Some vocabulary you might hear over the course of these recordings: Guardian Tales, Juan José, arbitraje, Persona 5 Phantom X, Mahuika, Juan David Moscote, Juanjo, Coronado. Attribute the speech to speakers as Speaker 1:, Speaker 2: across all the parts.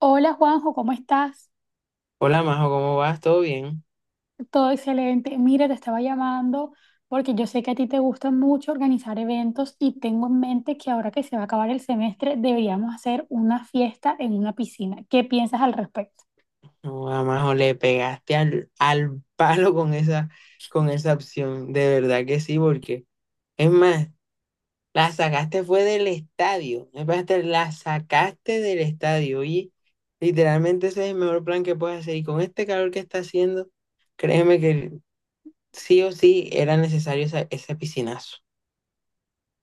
Speaker 1: Hola Juanjo, ¿cómo estás?
Speaker 2: Hola Majo, ¿cómo vas? ¿Todo bien?
Speaker 1: Todo excelente. Mira, te estaba llamando porque yo sé que a ti te gusta mucho organizar eventos y tengo en mente que ahora que se va a acabar el semestre deberíamos hacer una fiesta en una piscina. ¿Qué piensas al respecto?
Speaker 2: No, a Majo, le pegaste al palo con esa opción, de verdad que sí, porque es más, la sacaste fue del estadio, es más, te la sacaste del estadio y literalmente ese es el mejor plan que puedes hacer y con este calor que está haciendo, créeme que sí o sí era necesario ese piscinazo.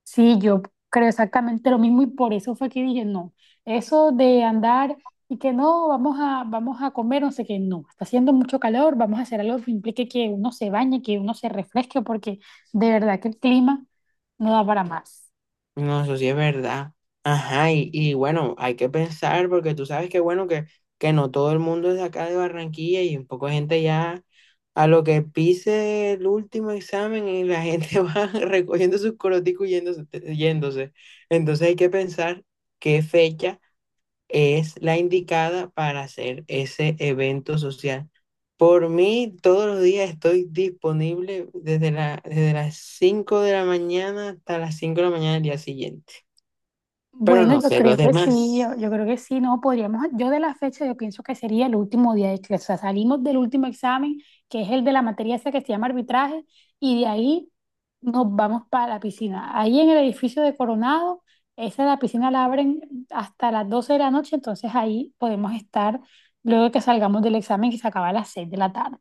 Speaker 1: Sí, yo creo exactamente lo mismo y por eso fue que dije no. Eso de andar y que no, vamos a comer, no sé qué, no. Está haciendo mucho calor, vamos a hacer algo que implique que uno se bañe, que uno se refresque porque de verdad que el clima no da para más.
Speaker 2: No, eso sí es verdad. Ajá, y bueno, hay que pensar porque tú sabes que bueno, que no todo el mundo es de acá de Barranquilla y un poco de gente ya a lo que pise el último examen y la gente va recogiendo sus coroticos y yéndose, yéndose. Entonces hay que pensar qué fecha es la indicada para hacer ese evento social. Por mí, todos los días estoy disponible desde las 5 de la mañana hasta las 5 de la mañana del día siguiente. Pero
Speaker 1: Bueno,
Speaker 2: no
Speaker 1: yo
Speaker 2: sé los
Speaker 1: creo que sí,
Speaker 2: demás.
Speaker 1: yo creo que sí, no podríamos, yo de la fecha yo pienso que sería el último día de clase, o sea, salimos del último examen, que es el de la materia esa que se llama arbitraje, y de ahí nos vamos para la piscina. Ahí en el edificio de Coronado, esa la piscina la abren hasta las 12 de la noche, entonces ahí podemos estar luego de que salgamos del examen que se acaba a las 6 de la tarde.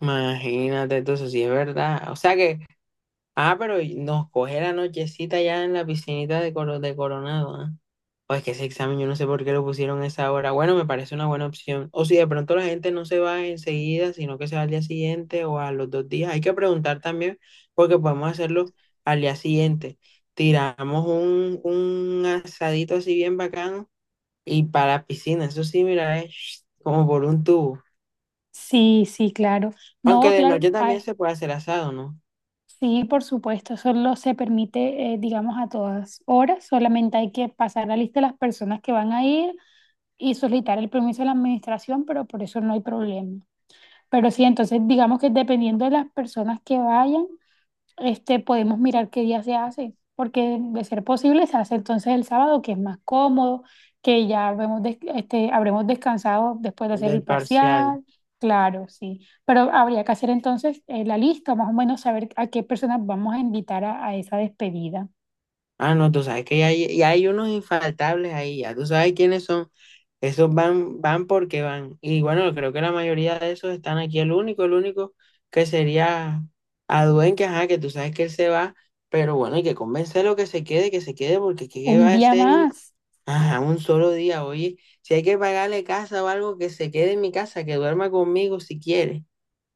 Speaker 2: Imagínate, entonces sí es verdad. O sea que, ah, pero y nos coge la nochecita ya en la piscinita de Coronado, ¿ah? O es que ese examen yo no sé por qué lo pusieron a esa hora. Bueno, me parece una buena opción. O si de pronto la gente no se va enseguida, sino que se va al día siguiente o a los 2 días. Hay que preguntar también, porque podemos hacerlo al día siguiente. Tiramos un asadito así bien bacano y para la piscina. Eso sí, mira, es como por un tubo.
Speaker 1: Sí, sí, claro.
Speaker 2: Aunque
Speaker 1: No,
Speaker 2: de
Speaker 1: claro,
Speaker 2: noche también
Speaker 1: ay.
Speaker 2: se puede hacer asado, ¿no?
Speaker 1: Sí, por supuesto, eso lo se permite, digamos, a todas horas. Solamente hay que pasar la lista de las personas que van a ir y solicitar el permiso de la administración, pero por eso no hay problema. Pero sí, entonces digamos que dependiendo de las personas que vayan, podemos mirar qué día se hace, porque de ser posible se hace entonces el sábado, que es más cómodo, que ya habremos, habremos descansado después de hacer el
Speaker 2: Del parcial.
Speaker 1: parcial, claro, sí, pero habría que hacer entonces la lista, más o menos saber a qué personas vamos a invitar a esa despedida.
Speaker 2: Ah, no, tú sabes que y hay unos infaltables ahí, ya tú sabes quiénes son. Esos van, van porque van. Y bueno, creo que la mayoría de esos están aquí. El único que sería Aduen, que ajá, que tú sabes que él se va, pero bueno, hay que convencerlo que se quede, porque ¿qué va
Speaker 1: Un
Speaker 2: a
Speaker 1: día
Speaker 2: hacer?
Speaker 1: más,
Speaker 2: Ajá, un solo día, oye. Si hay que pagarle casa o algo, que se quede en mi casa, que duerma conmigo si quiere.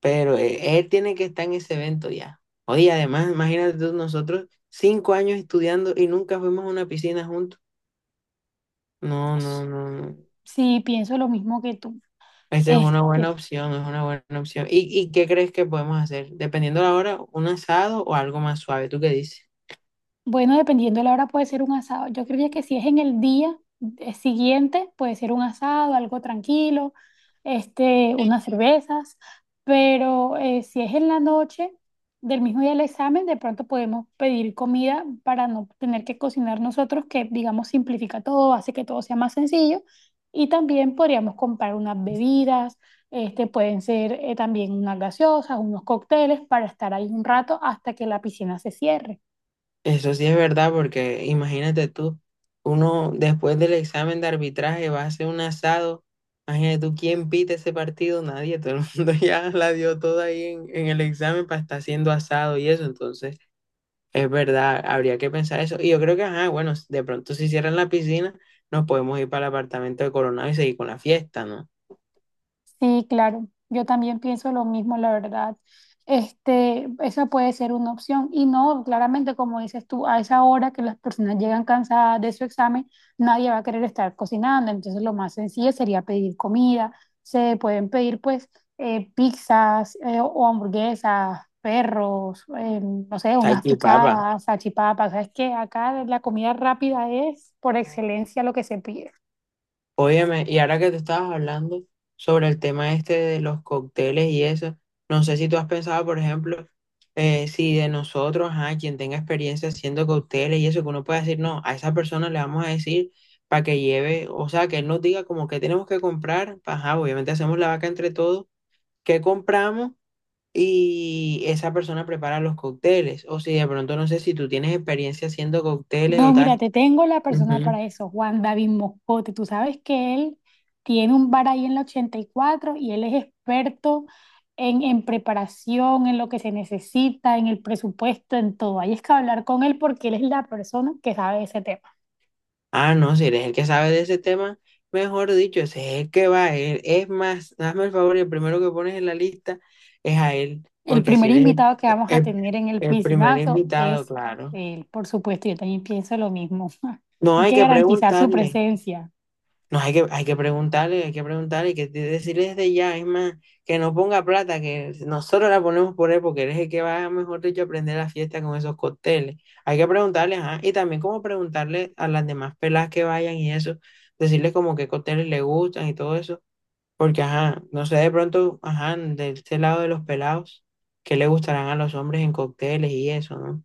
Speaker 2: Pero él tiene que estar en ese evento ya. Oye, además, imagínate tú, nosotros 5 años estudiando y nunca fuimos a una piscina juntos. No, no, no, no.
Speaker 1: sí, pienso lo mismo que tú.
Speaker 2: Esa es una
Speaker 1: Este,
Speaker 2: buena opción, es una buena opción. ¿Y qué crees que podemos hacer? Dependiendo de la hora, un asado o algo más suave. ¿Tú qué dices?
Speaker 1: Bueno, dependiendo de la hora puede ser un asado. Yo creía que si es en el día siguiente puede ser un asado, algo tranquilo, unas cervezas, pero si es en la noche del mismo día del examen, de pronto podemos pedir comida para no tener que cocinar nosotros, que digamos simplifica todo, hace que todo sea más sencillo. Y también podríamos comprar unas bebidas, pueden ser también unas gaseosas, unos cócteles para estar ahí un rato hasta que la piscina se cierre.
Speaker 2: Eso sí es verdad, porque imagínate tú, uno después del examen de arbitraje va a hacer un asado, imagínate tú quién pita ese partido, nadie, todo el mundo ya la dio toda ahí en el examen para estar haciendo asado y eso, entonces es verdad, habría que pensar eso. Y yo creo que, ajá, bueno, de pronto si cierran la piscina, nos podemos ir para el apartamento de Coronado y seguir con la fiesta, ¿no?
Speaker 1: Sí, claro, yo también pienso lo mismo, la verdad. Esa puede ser una opción. Y no, claramente, como dices tú, a esa hora que las personas llegan cansadas de su examen, nadie va a querer estar cocinando. Entonces, lo más sencillo sería pedir comida. Se pueden pedir, pues, pizzas o hamburguesas, perros, no sé, unas
Speaker 2: Salchipapa.
Speaker 1: picadas, salchipapas. Sabes que acá la comida rápida es por excelencia lo que se pide.
Speaker 2: Óyeme, y ahora que tú estabas hablando sobre el tema este de los cócteles y eso, no sé si tú has pensado, por ejemplo, si de nosotros, ajá, quien tenga experiencia haciendo cócteles y eso, que uno pueda decir, no, a esa persona le vamos a decir para que lleve, o sea, que él nos diga como que tenemos que comprar, ajá, obviamente hacemos la vaca entre todos, qué compramos y esa persona prepara los cócteles, o si de pronto no sé si tú tienes experiencia haciendo cócteles
Speaker 1: No,
Speaker 2: o
Speaker 1: mira,
Speaker 2: tal.
Speaker 1: te tengo la persona para eso, Juan David Moscote. Tú sabes que él tiene un bar ahí en la 84 y cuatro y él es experto en preparación, en lo que se necesita, en el presupuesto, en todo. Ahí es que hablar con él porque él es la persona que sabe ese tema.
Speaker 2: Ah, no, si eres el que sabe de ese tema, mejor dicho, ese es el que va él. Es más, hazme el favor y el primero que pones en la lista es a él,
Speaker 1: El
Speaker 2: porque si
Speaker 1: primer
Speaker 2: eres
Speaker 1: invitado que vamos a
Speaker 2: el-
Speaker 1: tener en el
Speaker 2: el primer
Speaker 1: piscinazo
Speaker 2: invitado,
Speaker 1: es
Speaker 2: claro.
Speaker 1: él, por supuesto. Yo también pienso lo mismo.
Speaker 2: No
Speaker 1: Hay
Speaker 2: hay
Speaker 1: que
Speaker 2: que
Speaker 1: garantizar su
Speaker 2: preguntarle.
Speaker 1: presencia.
Speaker 2: No, hay que preguntarle, hay que preguntarle, hay que decirle desde ya, es más, que no ponga plata, que nosotros la ponemos por él, porque él es el que va, mejor dicho, a aprender la fiesta con esos cócteles. Hay que preguntarle, ajá, y también como preguntarle a las demás pelas que vayan y eso, decirles como qué cócteles le gustan y todo eso, porque ajá, no sé, de pronto, ajá, de este lado de los pelados, qué le gustarán a los hombres en cócteles y eso, ¿no?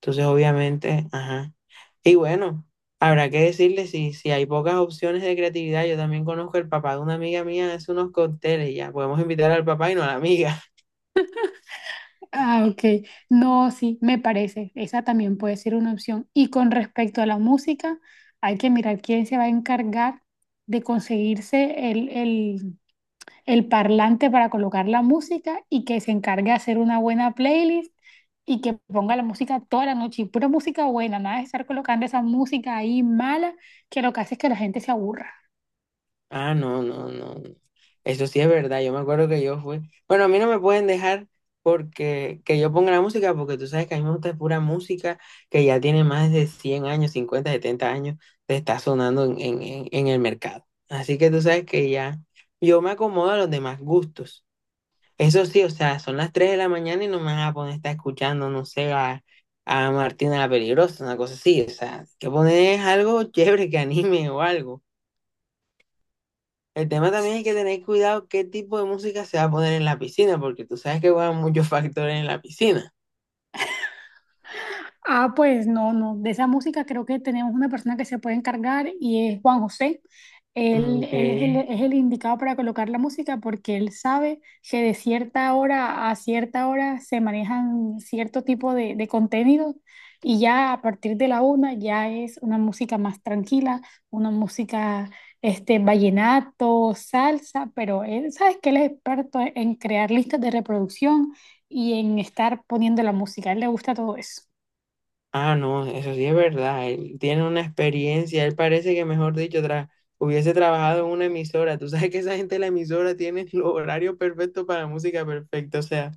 Speaker 2: Entonces, obviamente, ajá. Y bueno, habrá que decirle si hay pocas opciones de creatividad. Yo también conozco el papá de una amiga mía, hace unos cócteles y ya. Podemos invitar al papá y no a la amiga.
Speaker 1: Ah, ok. No, sí, me parece. Esa también puede ser una opción. Y con respecto a la música, hay que mirar quién se va a encargar de conseguirse el parlante para colocar la música y que se encargue de hacer una buena playlist y que ponga la música toda la noche. Y pura música buena, nada de estar colocando esa música ahí mala que lo que hace es que la gente se aburra.
Speaker 2: Ah, no, no, no. No. Eso sí es verdad. Yo me acuerdo que yo fui. Bueno, a mí no me pueden dejar porque que yo ponga la música, porque tú sabes que a mí me gusta pura música que ya tiene más de 100 años, 50, 70 años, de estar sonando en el mercado. Así que tú sabes que ya yo me acomodo a los demás gustos. Eso sí, o sea, son las 3 de la mañana y no me van a poner a estar escuchando, no sé, a Martina la Peligrosa, una cosa así. O sea, hay que poner algo chévere que anime o algo. El tema también es que tener cuidado qué tipo de música se va a poner en la piscina, porque tú sabes que juegan muchos factores en la piscina.
Speaker 1: Ah, pues no, no. De esa música creo que tenemos una persona que se puede encargar y es Juan José. Él es
Speaker 2: Okay.
Speaker 1: el indicado para colocar la música porque él sabe que de cierta hora a cierta hora se manejan cierto tipo de contenido y ya a partir de la una ya es una música más tranquila, una música vallenato, salsa, pero él sabes que él es experto en crear listas de reproducción y en estar poniendo la música. A él le gusta todo eso.
Speaker 2: Ah, no, eso sí es verdad. Él tiene una experiencia, él parece que, mejor dicho, hubiese trabajado en una emisora. Tú sabes que esa gente de la emisora tiene el horario perfecto para la música perfecta, o sea.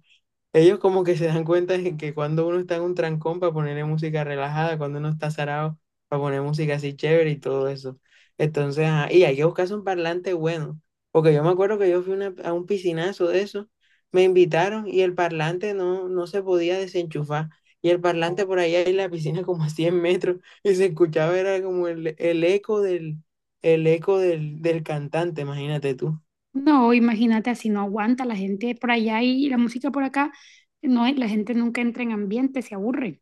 Speaker 2: Ellos como que se dan cuenta de que cuando uno está en un trancón para ponerle música relajada, cuando uno está zarado para poner música así chévere y todo eso. Entonces, ajá, y hay que buscarse un parlante bueno, porque yo me acuerdo que yo fui a un piscinazo de eso, me invitaron y el parlante no se podía desenchufar. Y el parlante por allá en la piscina como a 100 metros y se escuchaba, era como el eco del cantante, imagínate.
Speaker 1: No, imagínate, así no aguanta la gente por allá y la música por acá, no, la gente nunca entra en ambiente, se aburre.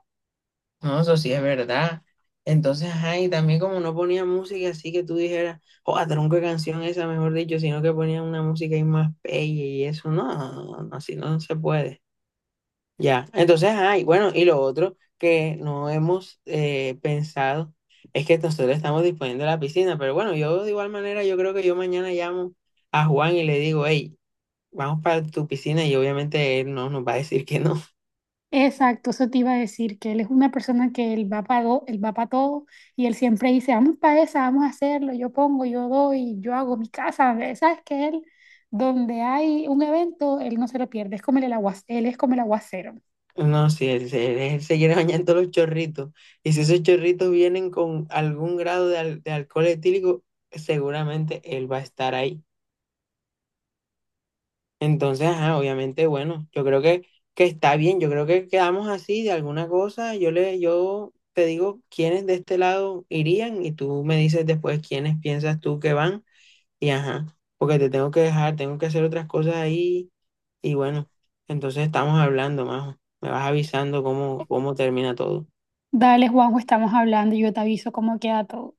Speaker 2: No, eso sí es verdad. Entonces, ay también como no ponía música así que tú dijeras, oh, tronco de canción esa, mejor dicho, sino que ponía una música ahí más bella y eso, no, no, no, así no se puede. Ya, entonces, ay bueno, y lo otro que no hemos pensado es que nosotros estamos disponiendo de la piscina, pero bueno, yo de igual manera, yo creo que yo mañana llamo a Juan y le digo, hey, vamos para tu piscina y obviamente él no nos va a decir que no.
Speaker 1: Exacto, eso te iba a decir, que él es una persona que él va para él va pa' todo y él siempre dice, vamos para esa, vamos a hacerlo, yo pongo, yo doy, yo hago mi casa. Sabes que él, donde hay un evento, él no se lo pierde, es como agua, él es como el aguacero.
Speaker 2: No, sí, él se quiere bañar en todos los chorritos. Y si esos chorritos vienen con algún grado de alcohol etílico, seguramente él va a estar ahí. Entonces, ajá, obviamente, bueno, yo creo que está bien. Yo creo que quedamos así de alguna cosa. Yo te digo quiénes de este lado irían y tú me dices después quiénes piensas tú que van. Y ajá, porque te tengo que dejar, tengo que hacer otras cosas ahí. Y bueno, entonces estamos hablando, Majo. Me vas avisando cómo termina todo.
Speaker 1: Dale, Juanjo, estamos hablando y yo te aviso cómo queda todo.